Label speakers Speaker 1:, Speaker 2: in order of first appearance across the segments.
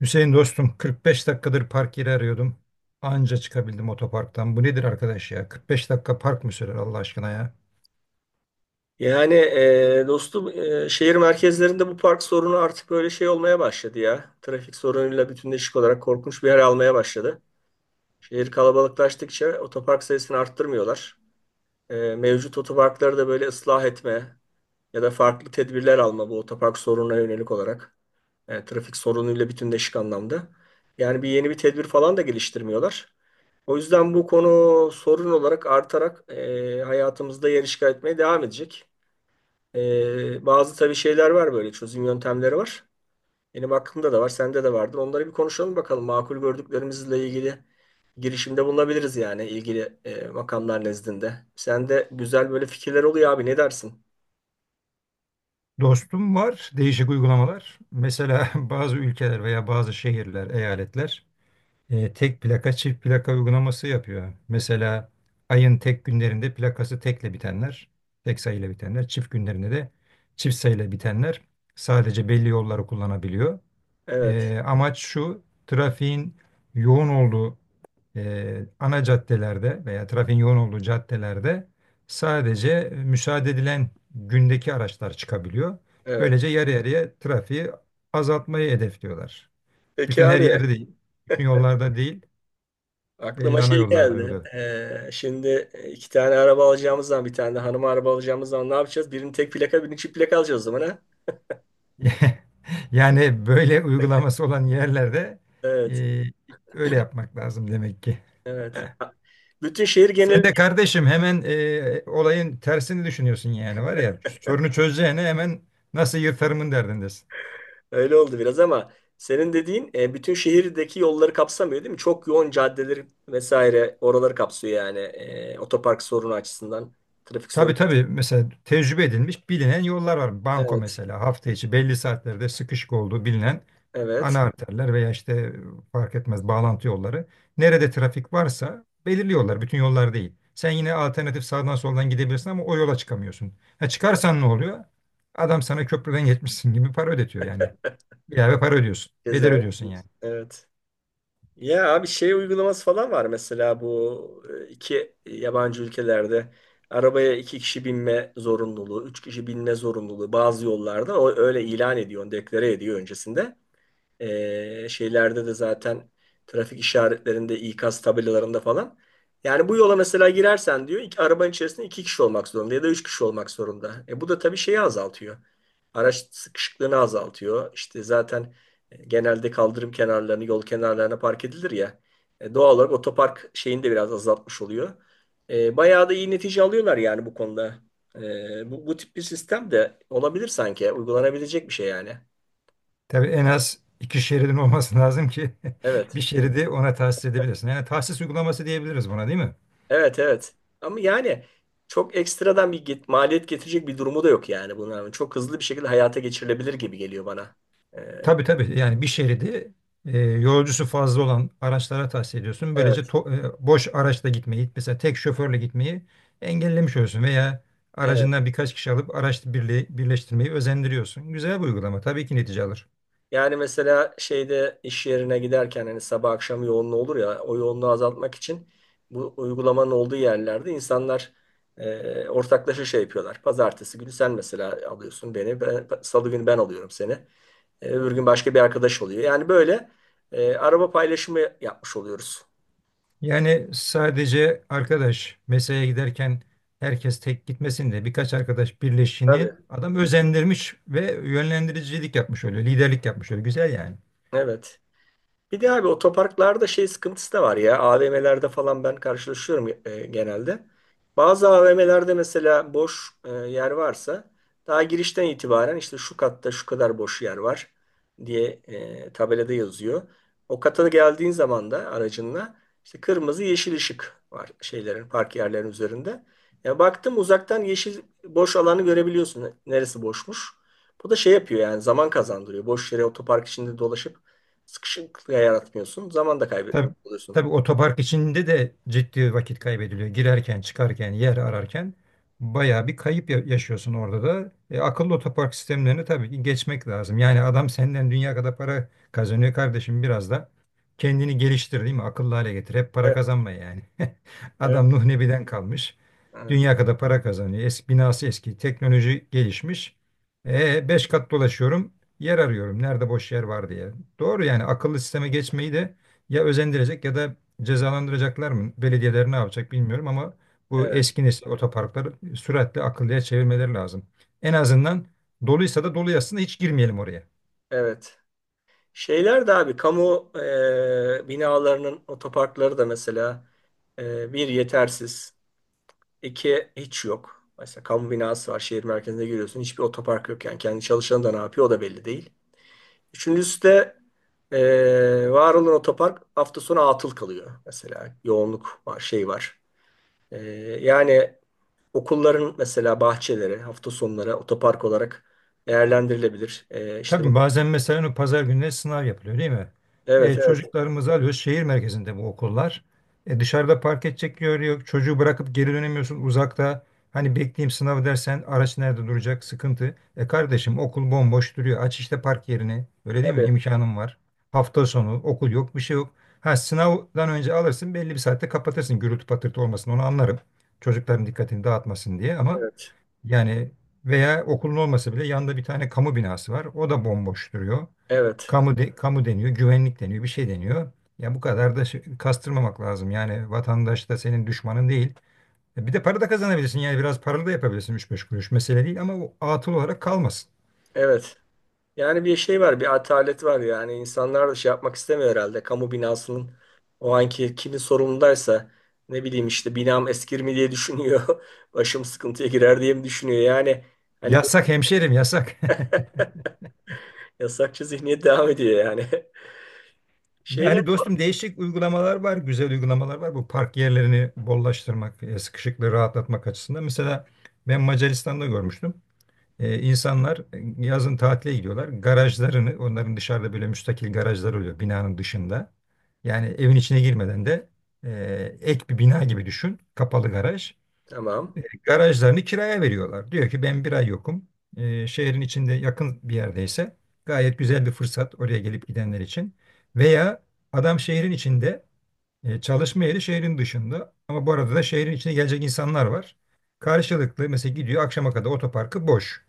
Speaker 1: Hüseyin dostum 45 dakikadır park yeri arıyordum. Anca çıkabildim otoparktan. Bu nedir arkadaş ya? 45 dakika park mı sürer Allah aşkına ya?
Speaker 2: Yani, dostum, şehir merkezlerinde bu park sorunu artık böyle şey olmaya başladı ya. Trafik sorunuyla bütünleşik olarak korkunç bir yer almaya başladı. Şehir kalabalıklaştıkça otopark sayısını arttırmıyorlar. Mevcut otoparkları da böyle ıslah etme ya da farklı tedbirler alma bu otopark sorununa yönelik olarak. Trafik sorunuyla bütünleşik anlamda. Yani bir yeni bir tedbir falan da geliştirmiyorlar. O yüzden bu konu sorun olarak artarak hayatımızda yer işgal etmeye devam edecek. Bazı tabii şeyler var, böyle çözüm yöntemleri var. Benim aklımda da var, sende de vardır. Onları bir konuşalım bakalım. Makul gördüklerimizle ilgili girişimde bulunabiliriz yani ilgili makamlar nezdinde. Sende güzel böyle fikirler oluyor abi, ne dersin?
Speaker 1: Dostum var değişik uygulamalar. Mesela bazı ülkeler veya bazı şehirler, eyaletler tek plaka çift plaka uygulaması yapıyor. Mesela ayın tek günlerinde plakası tekle bitenler, tek sayıyla bitenler, çift günlerinde de çift sayıyla bitenler sadece belli yolları kullanabiliyor.
Speaker 2: Evet,
Speaker 1: Amaç şu, trafiğin yoğun olduğu ana caddelerde veya trafiğin yoğun olduğu caddelerde sadece müsaade edilen gündeki araçlar çıkabiliyor.
Speaker 2: evet.
Speaker 1: Böylece yarı yarıya trafiği azaltmayı hedefliyorlar.
Speaker 2: Peki
Speaker 1: Bütün her
Speaker 2: abi,
Speaker 1: yerde değil, bütün yollarda değil, belli
Speaker 2: aklıma
Speaker 1: ana
Speaker 2: şey
Speaker 1: yollarda
Speaker 2: geldi.
Speaker 1: uyguladı.
Speaker 2: Şimdi iki tane araba alacağımız zaman bir tane de hanıma araba alacağımız zaman ne yapacağız? Birini tek plaka birini çift plaka alacağız o zaman ha?
Speaker 1: Yani böyle uygulaması olan yerlerde
Speaker 2: Evet,
Speaker 1: e, öyle yapmak lazım demek ki.
Speaker 2: evet. Bütün şehir
Speaker 1: Sen
Speaker 2: geneli.
Speaker 1: de kardeşim hemen olayın tersini düşünüyorsun yani var ya sorunu çözeceğine hemen nasıl yırtarımın derdindesin.
Speaker 2: Öyle oldu biraz ama senin dediğin bütün şehirdeki yolları kapsamıyor değil mi? Çok yoğun caddeleri vesaire oraları kapsıyor yani. Otopark sorunu açısından, trafik sorunu.
Speaker 1: Tabii tabii, mesela tecrübe edilmiş bilinen yollar var. Banko
Speaker 2: Evet,
Speaker 1: mesela hafta içi belli saatlerde sıkışık olduğu bilinen
Speaker 2: evet.
Speaker 1: ana arterler veya işte fark etmez bağlantı yolları. Nerede trafik varsa belirliyorlar. Bütün yollar değil. Sen yine alternatif sağdan soldan gidebilirsin ama o yola çıkamıyorsun. Ha çıkarsan ne oluyor? Adam sana köprüden geçmişsin gibi para ödetiyor yani. İlave para ödüyorsun. Bedel
Speaker 2: Cezayir.
Speaker 1: ödüyorsun yani.
Speaker 2: Evet. Ya abi, şey uygulaması falan var mesela, bu iki yabancı ülkelerde arabaya iki kişi binme zorunluluğu, üç kişi binme zorunluluğu bazı yollarda o öyle ilan ediyor, deklare ediyor öncesinde. Şeylerde de zaten, trafik işaretlerinde, ikaz tabelalarında falan. Yani bu yola mesela girersen diyor, iki, arabanın içerisinde iki kişi olmak zorunda ya da üç kişi olmak zorunda. Bu da tabii şeyi azaltıyor. Araç sıkışıklığını azaltıyor. İşte zaten genelde kaldırım kenarlarını, yol kenarlarına park edilir ya. Doğal olarak otopark şeyini de biraz azaltmış oluyor. Bayağı da iyi netice alıyorlar yani bu konuda. Bu tip bir sistem de olabilir sanki. Uygulanabilecek bir şey yani.
Speaker 1: Tabii en az iki şeridin olması lazım ki
Speaker 2: Evet.
Speaker 1: bir şeridi ona tahsis edebilirsin. Yani tahsis uygulaması diyebiliriz buna, değil mi?
Speaker 2: Evet, evet. Ama yani çok ekstradan bir maliyet getirecek bir durumu da yok yani bunların. Çok hızlı bir şekilde hayata geçirilebilir gibi geliyor bana. Ee,
Speaker 1: Tabii tabii, yani bir şeridi yolcusu fazla olan araçlara tahsis ediyorsun. Böylece
Speaker 2: evet.
Speaker 1: boş araçla gitmeyi, mesela tek şoförle gitmeyi engellemiş oluyorsun veya
Speaker 2: Evet.
Speaker 1: aracından birkaç kişi alıp araç birliği, birleştirmeyi özendiriyorsun. Güzel bir uygulama, tabii ki netice alır.
Speaker 2: Yani mesela şeyde iş yerine giderken hani sabah akşam yoğunluğu olur ya, o yoğunluğu azaltmak için bu uygulamanın olduğu yerlerde insanlar ortaklaşa şey yapıyorlar. Pazartesi günü sen mesela alıyorsun beni. Salı günü ben alıyorum seni. Öbür gün başka bir arkadaş oluyor. Yani böyle araba paylaşımı yapmış oluyoruz.
Speaker 1: Yani sadece arkadaş mesaiye giderken herkes tek gitmesin de birkaç arkadaş birleşini
Speaker 2: Tabii.
Speaker 1: adam özendirmiş ve yönlendiricilik yapmış oluyor, liderlik yapmış oluyor. Güzel yani.
Speaker 2: Evet. Bir de abi, otoparklarda şey sıkıntısı da var ya. AVM'lerde falan ben karşılaşıyorum, genelde. Bazı AVM'lerde mesela boş yer varsa, daha girişten itibaren işte şu katta şu kadar boş yer var diye tabelada yazıyor. O kata geldiğin zaman da aracınla işte kırmızı yeşil ışık var şeylerin, park yerlerinin üzerinde. Ya baktım uzaktan yeşil boş alanı görebiliyorsun. Neresi boşmuş? Bu da şey yapıyor yani, zaman kazandırıyor. Boş yere otopark içinde dolaşıp sıkışıklık yaratmıyorsun. Zaman da
Speaker 1: Tabii,
Speaker 2: kaybetmemiş oluyorsun.
Speaker 1: tabii otopark içinde de ciddi vakit kaybediliyor. Girerken, çıkarken, yer ararken bayağı bir yaşıyorsun orada da. Akıllı otopark sistemlerine tabii ki geçmek lazım. Yani adam senden dünya kadar para kazanıyor kardeşim, biraz da kendini geliştir değil mi? Akıllı hale getir. Hep para
Speaker 2: Evet,
Speaker 1: kazanma yani.
Speaker 2: evet,
Speaker 1: Adam Nuh Nebi'den kalmış.
Speaker 2: evet,
Speaker 1: Dünya kadar para kazanıyor. Eski binası eski, teknoloji gelişmiş. Beş kat dolaşıyorum, yer arıyorum. Nerede boş yer var diye. Doğru yani akıllı sisteme geçmeyi de ya özendirecek ya da cezalandıracaklar mı? Belediyeler ne yapacak bilmiyorum ama bu
Speaker 2: evet,
Speaker 1: eski nesil otoparkları süratle akıllıya çevirmeleri lazım. En azından doluysa da dolu yazsın da hiç girmeyelim oraya.
Speaker 2: evet. Şeyler de abi kamu binalarının otoparkları da mesela bir yetersiz, iki hiç yok. Mesela kamu binası var, şehir merkezine giriyorsun, hiçbir otopark yok yani kendi çalışanı da ne yapıyor o da belli değil. Üçüncüsü de var olan otopark hafta sonu atıl kalıyor mesela, yoğunluk var, şey var. E, Yani okulların mesela bahçeleri hafta sonları otopark olarak değerlendirilebilir. İşte
Speaker 1: Tabii bazen mesela o pazar gününe sınav yapılıyor değil mi?
Speaker 2: evet, evet,
Speaker 1: Çocuklarımızı alıyoruz. Şehir merkezinde bu okullar. Dışarıda park edecek yer yok. Çocuğu bırakıp geri dönemiyorsun uzakta. Hani bekleyeyim sınav dersen araç nerede duracak, sıkıntı. E kardeşim, okul bomboş duruyor. Aç işte park yerini. Öyle değil mi?
Speaker 2: tabii,
Speaker 1: İmkanın var. Hafta sonu okul yok, bir şey yok. Ha, sınavdan önce alırsın, belli bir saatte kapatırsın, gürültü patırtı olmasın, onu anlarım. Çocukların dikkatini dağıtmasın diye, ama
Speaker 2: evet,
Speaker 1: yani veya okulun olmasa bile yanında bir tane kamu binası var. O da bomboş duruyor.
Speaker 2: evet,
Speaker 1: Kamu deniyor, güvenlik deniyor, bir şey deniyor. Ya bu kadar da kastırmamak lazım. Yani vatandaş da senin düşmanın değil. E bir de para da kazanabilirsin. Yani biraz paralı da yapabilirsin, 3-5 kuruş. Mesele değil ama o atıl olarak kalmasın.
Speaker 2: evet. Yani bir şey var, bir atalet var yani, insanlar da şey yapmak istemiyor herhalde. Kamu binasının o anki kimin sorumlundaysa, ne bileyim işte, binam eskir mi diye düşünüyor. Başım sıkıntıya girer diye mi düşünüyor yani. Hani böyle
Speaker 1: Yasak hemşerim yasak.
Speaker 2: yasakçı zihniyet devam ediyor yani. Şeyler
Speaker 1: Yani dostum değişik uygulamalar var, güzel uygulamalar var. Bu park yerlerini bollaştırmak, sıkışıklığı rahatlatmak açısından. Mesela ben Macaristan'da görmüştüm. İnsanlar yazın tatile gidiyorlar. Garajlarını, onların dışarıda böyle müstakil garajlar oluyor binanın dışında. Yani evin içine girmeden de ek bir bina gibi düşün, kapalı garaj.
Speaker 2: tamam,
Speaker 1: Garajlarını kiraya veriyorlar. Diyor ki ben bir ay yokum. Şehrin içinde yakın bir yerdeyse gayet güzel bir fırsat oraya gelip gidenler için. Veya adam şehrin içinde çalışma yeri şehrin dışında, ama bu arada da şehrin içine gelecek insanlar var. Karşılıklı mesela gidiyor, akşama kadar otoparkı boş.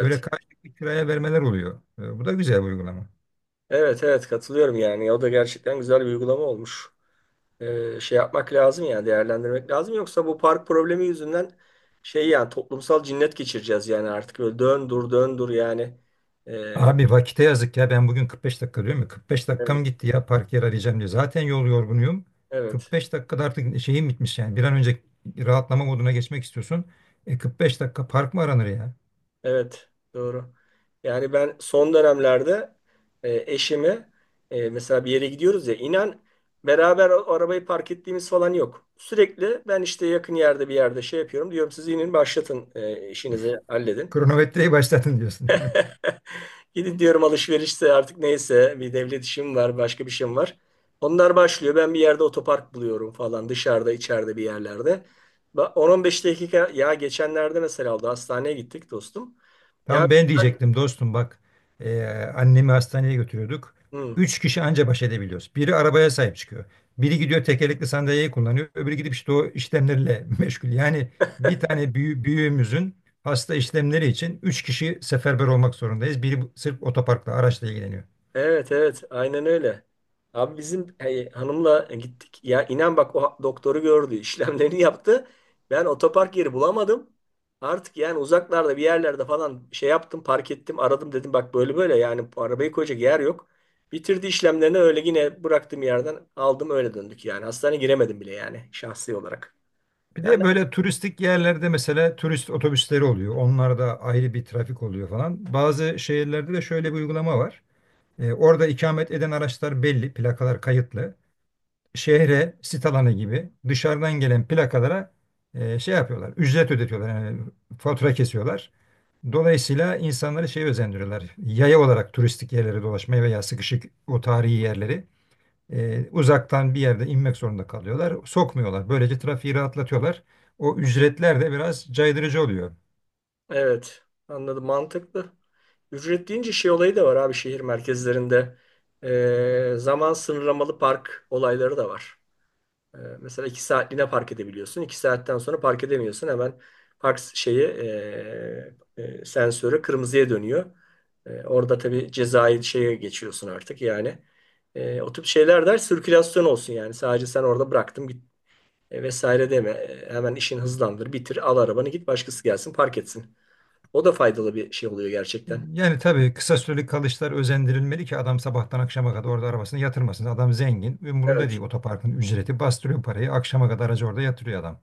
Speaker 1: Böyle karşılıklı kiraya vermeler oluyor. Bu da güzel bir uygulama.
Speaker 2: evet, evet, katılıyorum yani, o da gerçekten güzel bir uygulama olmuş. Şey yapmak lazım yani, değerlendirmek lazım. Yoksa bu park problemi yüzünden şey, yani toplumsal cinnet geçireceğiz yani, artık böyle dön dur dön dur yani. E,
Speaker 1: Abi vakite yazık ya, ben bugün 45 dakika diyorum ya, 45
Speaker 2: evet,
Speaker 1: dakikam gitti ya park yer arayacağım diye. Zaten yol yorgunuyum.
Speaker 2: evet,
Speaker 1: 45 dakikada artık şeyim bitmiş yani, bir an önce rahatlama moduna geçmek istiyorsun. 45 dakika park mı aranır ya?
Speaker 2: evet, doğru. Yani ben son dönemlerde eşimi, mesela bir yere gidiyoruz ya, inan, beraber arabayı park ettiğimiz falan yok. Sürekli ben işte yakın yerde bir yerde şey yapıyorum diyorum, siz inin başlatın işinizi halledin.
Speaker 1: Kronometreyi başlatın diyorsun.
Speaker 2: Gidin diyorum, alışverişse artık neyse, bir devlet işim var, başka bir şeyim var. Onlar başlıyor, ben bir yerde otopark buluyorum falan, dışarıda içeride bir yerlerde. Ba- 10-15 dakika ya, geçenlerde mesela oldu, hastaneye gittik dostum. Ya.
Speaker 1: Tam ben diyecektim dostum bak. Ee, Annemi hastaneye götürüyorduk.
Speaker 2: Hı.
Speaker 1: Üç kişi anca baş edebiliyoruz. Biri arabaya sahip çıkıyor. Biri gidiyor tekerlekli sandalyeyi kullanıyor. Öbürü gidip işte o işlemlerle meşgul. Yani bir tane büyüğümüzün hasta işlemleri için üç kişi seferber olmak zorundayız. Biri sırf otoparkla, araçla ilgileniyor.
Speaker 2: Evet, evet, aynen öyle. Abi bizim, hey, hanımla gittik. Ya inan bak, o doktoru gördü. işlemlerini yaptı. Ben otopark yeri bulamadım. Artık yani uzaklarda bir yerlerde falan şey yaptım, park ettim, aradım, dedim bak böyle böyle yani, bu arabayı koyacak yer yok. Bitirdi işlemlerini, öyle yine bıraktığım yerden aldım, öyle döndük yani. Hastaneye giremedim bile yani şahsi olarak.
Speaker 1: Bir
Speaker 2: Yani.
Speaker 1: de böyle turistik yerlerde mesela turist otobüsleri oluyor. Onlarda ayrı bir trafik oluyor falan. Bazı şehirlerde de şöyle bir uygulama var. Orada ikamet eden araçlar belli, plakalar kayıtlı. Şehre, sit alanı gibi dışarıdan gelen plakalara şey yapıyorlar. Ücret ödetiyorlar. Yani fatura kesiyorlar. Dolayısıyla insanları şey özendiriyorlar. Yaya olarak turistik yerlere dolaşmaya veya sıkışık o tarihi yerleri uzaktan bir yerde inmek zorunda kalıyorlar. Sokmuyorlar. Böylece trafiği rahatlatıyorlar. O ücretler de biraz caydırıcı oluyor.
Speaker 2: Evet, anladım, mantıklı. Ücret deyince şey olayı da var abi, şehir merkezlerinde. Zaman sınırlamalı park olayları da var. Mesela 2 saatliğine park edebiliyorsun. 2 saatten sonra park edemiyorsun. Hemen park şeyi, sensörü kırmızıya dönüyor. Orada tabii cezai şeye geçiyorsun artık yani. O tip şeyler der, sirkülasyon olsun yani. Sadece sen orada bıraktım git vesaire deme. Hemen işin hızlandır, bitir, al arabanı git, başkası gelsin park etsin. O da faydalı bir şey oluyor gerçekten.
Speaker 1: Yani tabii kısa süreli kalışlar özendirilmeli ki adam sabahtan akşama kadar orada arabasını yatırmasın. Adam zengin, umurunda
Speaker 2: Evet.
Speaker 1: değil otoparkın ücreti. Bastırıyor parayı, akşama kadar aracı orada yatırıyor adam.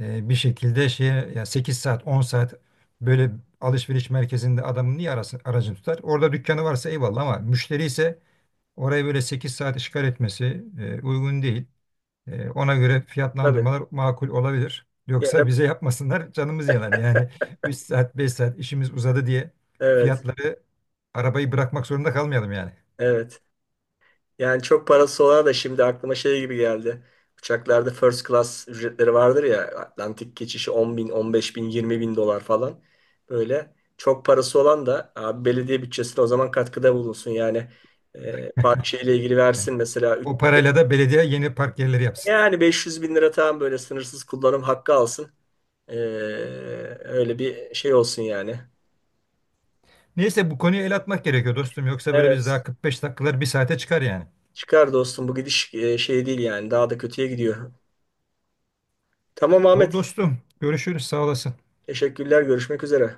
Speaker 1: Bir şekilde şeye ya 8 saat 10 saat böyle alışveriş merkezinde adamın niye arasın, aracını tutar? Orada dükkanı varsa eyvallah ama müşteri ise oraya böyle 8 saat işgal etmesi uygun değil. Ona göre
Speaker 2: Tabii.
Speaker 1: fiyatlandırmalar makul olabilir.
Speaker 2: Ya
Speaker 1: Yoksa
Speaker 2: da-
Speaker 1: bize yapmasınlar, canımız yanar. Yani 3 saat 5 saat işimiz uzadı diye
Speaker 2: evet.
Speaker 1: fiyatları arabayı bırakmak zorunda kalmayalım yani.
Speaker 2: Evet. Yani çok parası olan da, şimdi aklıma şey gibi geldi. Uçaklarda first class ücretleri vardır ya. Atlantik geçişi 10 bin, 15 bin, 20 bin dolar falan. Böyle çok parası olan da abi, belediye bütçesine o zaman katkıda bulunsun. Yani park şeyle ilgili
Speaker 1: Yani
Speaker 2: versin mesela.
Speaker 1: o parayla da belediye yeni park yerleri yapsın.
Speaker 2: Yani 500 bin lira tamam, böyle sınırsız kullanım hakkı alsın. E, Öyle bir şey olsun yani.
Speaker 1: Neyse bu konuya el atmak gerekiyor dostum. Yoksa böyle biz
Speaker 2: Evet.
Speaker 1: daha 45 dakikalar bir saate çıkar yani.
Speaker 2: Çıkar dostum, bu gidiş şey değil yani, daha da kötüye gidiyor. Tamam
Speaker 1: Ol
Speaker 2: Ahmet.
Speaker 1: dostum. Görüşürüz. Sağ olasın.
Speaker 2: Teşekkürler. Görüşmek üzere.